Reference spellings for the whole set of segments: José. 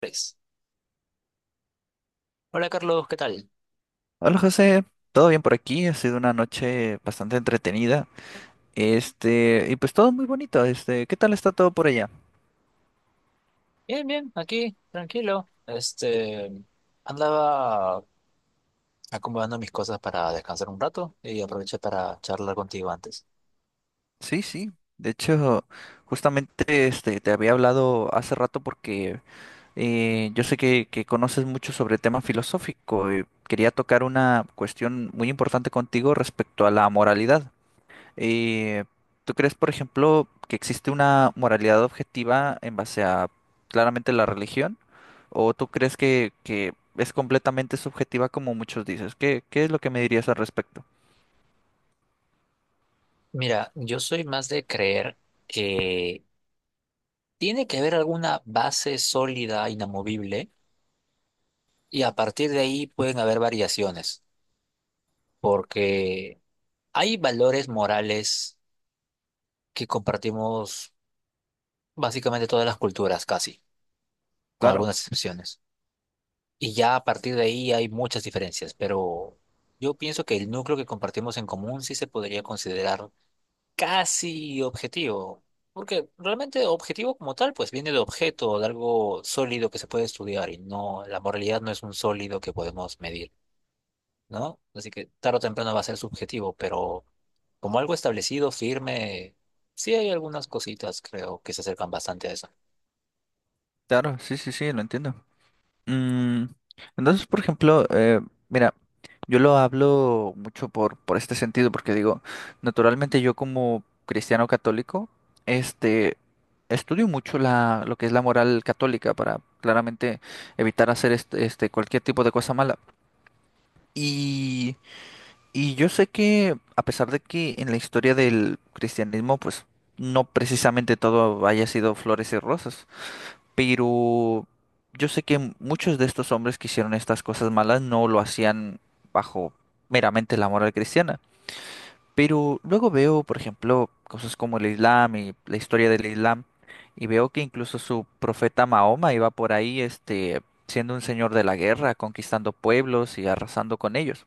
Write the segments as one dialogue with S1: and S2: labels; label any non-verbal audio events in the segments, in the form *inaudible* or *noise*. S1: Tres. Hola Carlos, ¿qué tal?
S2: Hola José, todo bien por aquí, ha sido una noche bastante entretenida. Y pues todo muy bonito. ¿Qué tal está todo por allá?
S1: Bien, bien, aquí, tranquilo. Andaba acomodando mis cosas para descansar un rato y aproveché para charlar contigo antes.
S2: Sí, sí. De hecho, justamente te había hablado hace rato porque yo sé que conoces mucho sobre tema filosófico y quería tocar una cuestión muy importante contigo respecto a la moralidad. Eh, ¿Tú crees, por ejemplo, que existe una moralidad objetiva en base a claramente la religión? ¿O tú crees que es completamente subjetiva como muchos dices? ¿Qué es lo que me dirías al respecto?
S1: Mira, yo soy más de creer que tiene que haber alguna base sólida, inamovible, y a partir de ahí pueden haber variaciones, porque hay valores morales que compartimos básicamente todas las culturas, casi, con algunas
S2: Claro,
S1: excepciones. Y ya a partir de ahí hay muchas diferencias, pero yo pienso que el núcleo que compartimos en común sí se podría considerar casi objetivo, porque realmente objetivo como tal pues viene de objeto, de algo sólido que se puede estudiar y no, la moralidad no es un sólido que podemos medir, ¿no? Así que tarde o temprano va a ser subjetivo, pero como algo establecido, firme, sí hay algunas cositas creo que se acercan bastante a eso.
S2: claro, sí, sí, sí, lo entiendo. Mm, entonces, por ejemplo, mira, yo lo hablo mucho por este sentido, porque digo, naturalmente yo como cristiano católico, este, estudio mucho lo que es la moral católica para claramente evitar hacer cualquier tipo de cosa mala. Y, y yo sé que, a pesar de que en la historia del cristianismo, pues, no precisamente todo haya sido flores y rosas. Pero yo sé que muchos de estos hombres que hicieron estas cosas malas no lo hacían bajo meramente la moral cristiana. Pero luego veo, por ejemplo, cosas como el Islam y la historia del Islam, y veo que incluso su profeta Mahoma iba por ahí, siendo un señor de la guerra, conquistando pueblos y arrasando con ellos.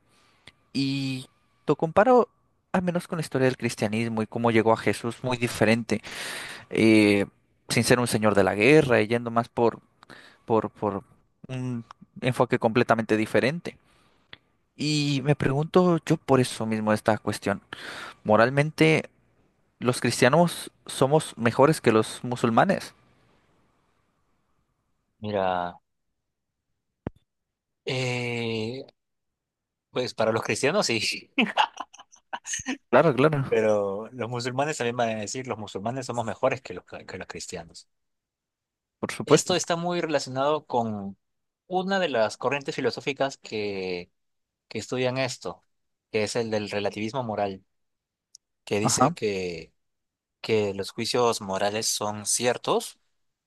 S2: Y lo comparo al menos con la historia del cristianismo y cómo llegó a Jesús muy diferente, eh, sin ser un señor de la guerra, y yendo más por un enfoque completamente diferente. Y me pregunto yo por eso mismo esta cuestión. Moralmente, ¿los cristianos somos mejores que los musulmanes?
S1: Mira, eh, pues para los cristianos sí. *laughs*
S2: Claro, claro,
S1: Pero los musulmanes también van a decir, los musulmanes somos mejores que los cristianos.
S2: por
S1: Esto
S2: supuesto.
S1: está muy relacionado con una de las corrientes filosóficas que estudian esto, que es el del relativismo moral, que dice
S2: Ajá,
S1: que los juicios morales son ciertos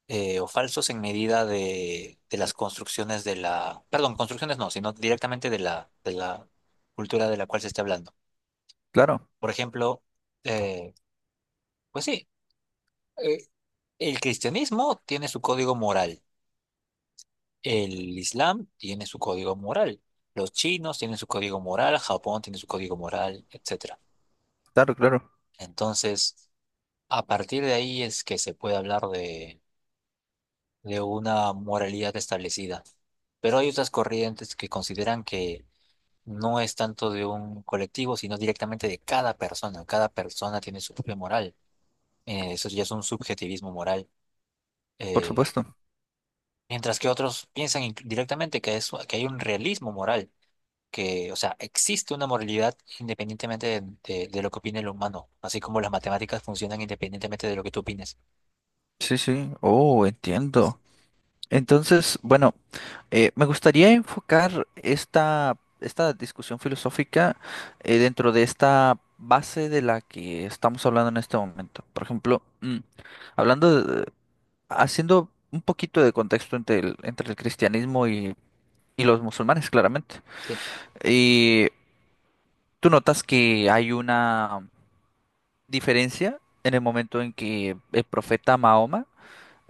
S1: o falsos en medida de las construcciones de la, perdón, construcciones no, sino directamente de la cultura de la cual se esté hablando.
S2: claro,
S1: Por ejemplo, eh, pues sí. eh, El cristianismo tiene su código moral, el islam tiene su código moral, los chinos tienen su código moral, Japón tiene su código moral, etcétera.
S2: claro, claro,
S1: Entonces, a partir de ahí es que se puede hablar de una moralidad establecida. Pero hay otras corrientes que consideran que no es tanto de un colectivo, sino directamente de cada persona. Cada persona tiene su propia moral. Eso ya es un subjetivismo moral.
S2: por
S1: Eh,
S2: supuesto.
S1: Mientras que otros piensan directamente que hay un realismo moral, que, o sea, existe una moralidad independientemente de lo que opine el humano, así como las matemáticas funcionan independientemente de lo que tú opines.
S2: Sí, sí, oh, entiendo. Entonces, bueno. Me gustaría enfocar esta discusión filosófica dentro de esta base de la que estamos hablando en este momento. Por ejemplo, hablando de- haciendo un poquito de contexto entre entre el cristianismo y los musulmanes, claramente.
S1: Sí,
S2: Y tú notas que hay una diferencia en el momento en que el profeta Mahoma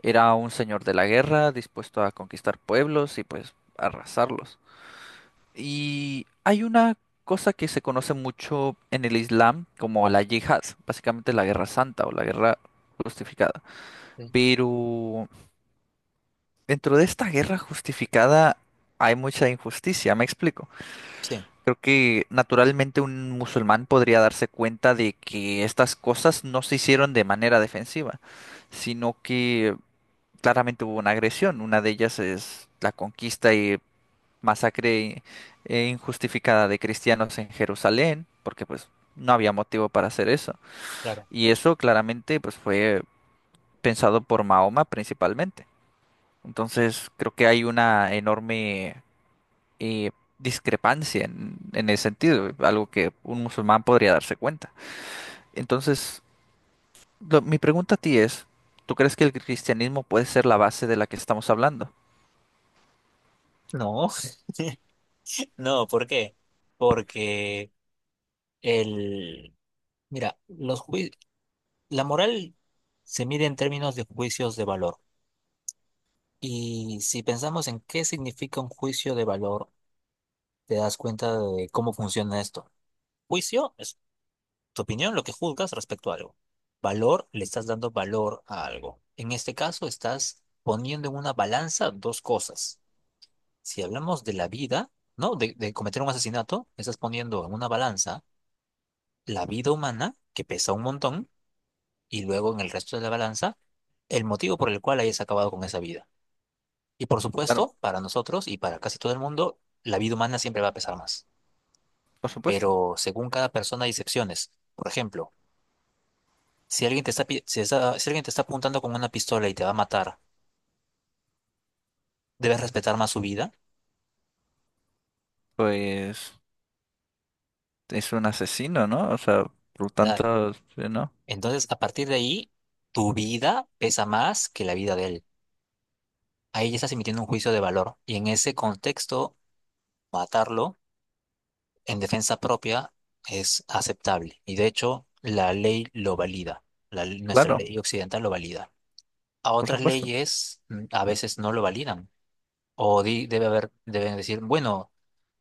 S2: era un señor de la guerra, dispuesto a conquistar pueblos y pues arrasarlos. Y hay una cosa que se conoce mucho en el Islam como la yihad, básicamente la guerra santa o la guerra justificada.
S1: sí,
S2: Pero dentro de esta guerra justificada hay mucha injusticia, me explico.
S1: sí.
S2: Creo que naturalmente un musulmán podría darse cuenta de que estas cosas no se hicieron de manera defensiva, sino que claramente hubo una agresión. Una de ellas es la conquista y masacre injustificada de cristianos en Jerusalén, porque pues no había motivo para hacer eso. Y eso claramente pues fue pensado por Mahoma principalmente. Entonces creo que hay una enorme eh, discrepancia en ese sentido, algo que un musulmán podría darse cuenta. Entonces, mi pregunta a ti es, ¿tú crees que el cristianismo puede ser la base de la que estamos hablando?
S1: No, *laughs* no, ¿por qué? Porque el, mira, la moral se mide en términos de juicios de valor. Y si pensamos en qué significa un juicio de valor, te das cuenta de cómo funciona esto. Juicio es tu opinión, lo que juzgas respecto a algo. Valor, le estás dando valor a algo. En este caso, estás poniendo en una balanza dos cosas. Si hablamos de la vida, ¿no? De cometer un asesinato, estás poniendo en una balanza la vida humana, que pesa un montón, y luego en el resto de la balanza, el motivo por el cual hayas acabado con esa vida. Y por
S2: Claro,
S1: supuesto, para nosotros y para casi todo el mundo, la vida humana siempre va a pesar más.
S2: por supuesto.
S1: Pero según cada persona hay excepciones. Por ejemplo, si alguien te está, pi- si está- si alguien te está apuntando con una pistola y te va a matar, debes respetar más su vida.
S2: Pues es un asesino, ¿no? O sea, por
S1: Claro.
S2: tanto, sí, ¿no?
S1: Entonces, a partir de ahí, tu vida pesa más que la vida de él. Ahí ya estás emitiendo un juicio de valor. Y en ese contexto, matarlo en defensa propia es aceptable. Y de hecho, la ley lo valida. Nuestra
S2: Claro,
S1: ley occidental lo valida. A
S2: por
S1: otras
S2: supuesto.
S1: leyes a veces no lo validan. Debe haber, deben decir, bueno.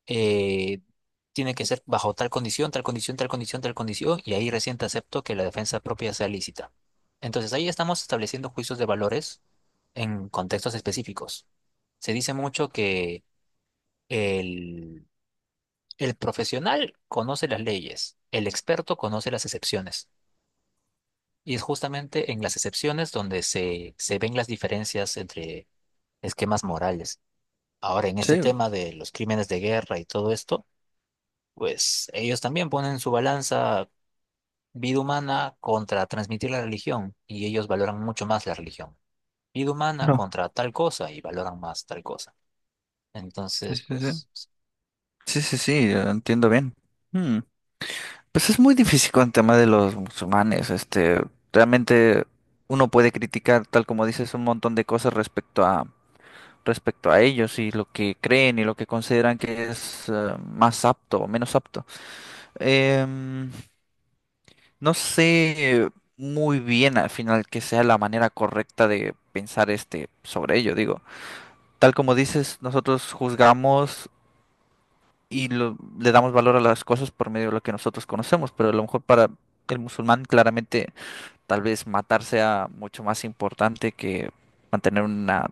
S1: eh, tiene que ser bajo tal condición, tal condición, tal condición, tal condición, y ahí recién te acepto que la defensa propia sea lícita. Entonces ahí estamos estableciendo juicios de valores en contextos específicos. Se dice mucho que el, el profesional conoce las leyes, el experto conoce las excepciones. Y es justamente en las excepciones donde se ven las diferencias entre esquemas morales. Ahora, en
S2: Sí,
S1: este tema de los crímenes de guerra y todo esto, pues ellos también ponen su balanza, vida humana contra transmitir la religión, y ellos valoran mucho más la religión. Vida humana
S2: no.
S1: contra tal cosa y valoran más tal cosa.
S2: Sí,
S1: Entonces,
S2: sí, sí.
S1: pues,
S2: Sí, sí, sí, entiendo bien. Hmm. Pues es muy difícil con el tema de los musulmanes. Realmente uno puede criticar, tal como dices, un montón de cosas respecto a ellos y lo que creen y lo que consideran que es más apto o menos apto. Em, No sé muy bien al final que sea la manera correcta de pensar sobre ello, digo. Tal como dices, nosotros juzgamos y le damos valor a las cosas por medio de lo que nosotros conocemos, pero a lo mejor para el musulmán claramente tal vez matar sea mucho más importante que mantener una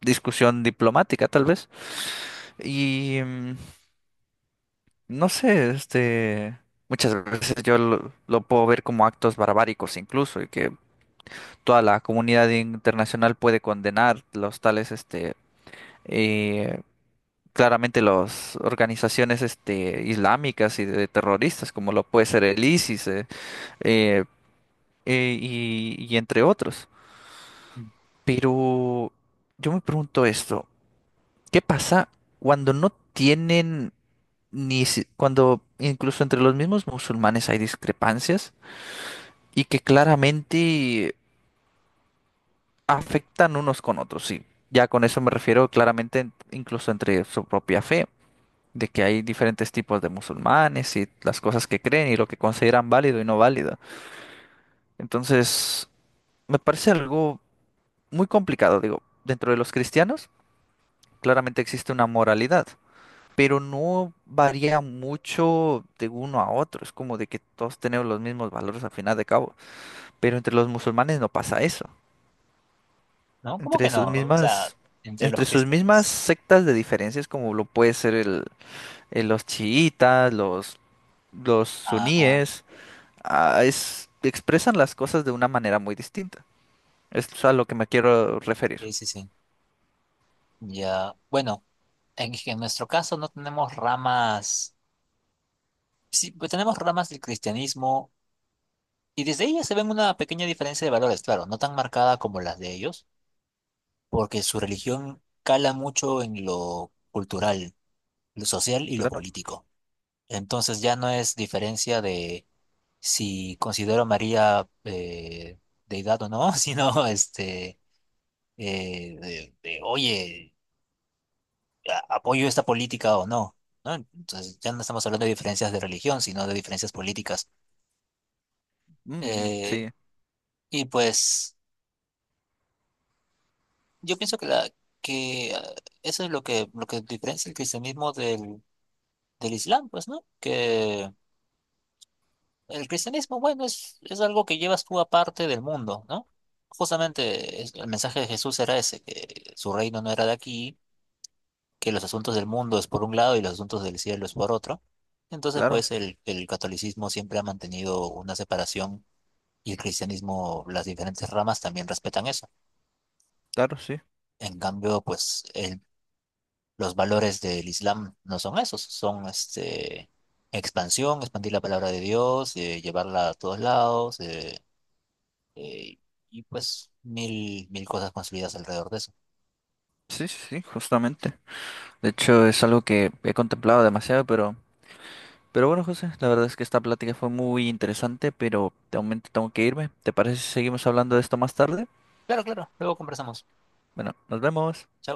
S2: discusión diplomática, tal vez. Y no sé, muchas veces yo lo puedo ver como actos barbáricos incluso, y que toda la comunidad internacional puede condenar los tales, eh, claramente las organizaciones, islámicas y de terroristas, como lo puede ser el ISIS, eh, y entre otros. Pero yo me pregunto esto, ¿qué pasa cuando no tienen ni si- cuando incluso entre los mismos musulmanes hay discrepancias y que claramente afectan unos con otros, sí. Ya con eso me refiero claramente incluso entre su propia fe, de que hay diferentes tipos de musulmanes y las cosas que creen y lo que consideran válido y no válido. Entonces, me parece algo muy complicado, digo, dentro de los cristianos claramente existe una moralidad, pero no varía mucho de uno a otro, es como de que todos tenemos los mismos valores al final de cabo, pero entre los musulmanes no pasa eso.
S1: ¿no? ¿Cómo que
S2: Entre
S1: no?
S2: sus
S1: O sea,
S2: mismas,
S1: entre los
S2: entre sus mismas
S1: cristianos.
S2: sectas de diferencias, como lo puede ser los chiitas, los
S1: Ah, ah,
S2: suníes, ah, expresan las cosas de una manera muy distinta. Es a lo que me quiero referir.
S1: sí, sí, sí. Ya, bueno, en nuestro caso no tenemos ramas, sí, pues tenemos ramas del cristianismo y desde ellas se ven una pequeña diferencia de valores, claro, no tan marcada como las de ellos porque su religión cala mucho en lo cultural, lo social y lo
S2: Claro.
S1: político. Entonces ya no es diferencia de si considero a María deidad o no, *laughs* sino oye, apoyo esta política o no, ¿no? Entonces ya no estamos hablando de diferencias de religión, sino de diferencias políticas.
S2: Mm,
S1: Eh,
S2: sí,
S1: y pues yo pienso que, la, que ah, eso es lo que diferencia el cristianismo del Islam, pues, ¿no? Que el cristianismo, bueno, es algo que llevas tú aparte del mundo, ¿no? Justamente el mensaje de Jesús era ese, que su reino no era de aquí, que los asuntos del mundo es por un lado y los asuntos del cielo es por otro. Entonces,
S2: claro,
S1: pues, el catolicismo siempre ha mantenido una separación y el cristianismo, las diferentes ramas también respetan eso.
S2: claro, sí.
S1: En cambio, pues, el los valores del Islam no son esos, son este, expansión, expandir la palabra de Dios, llevarla a todos lados, eh, y pues mil cosas consolidadas alrededor de eso.
S2: Sí, sí, sí, justamente. De hecho, es algo que he contemplado demasiado, pero bueno, José, la verdad es que esta plática fue muy interesante, pero de momento tengo que irme. ¿Te parece si seguimos hablando de esto más tarde?
S1: Claro, claro, luego conversamos.
S2: Bueno, nos vemos.
S1: Chao.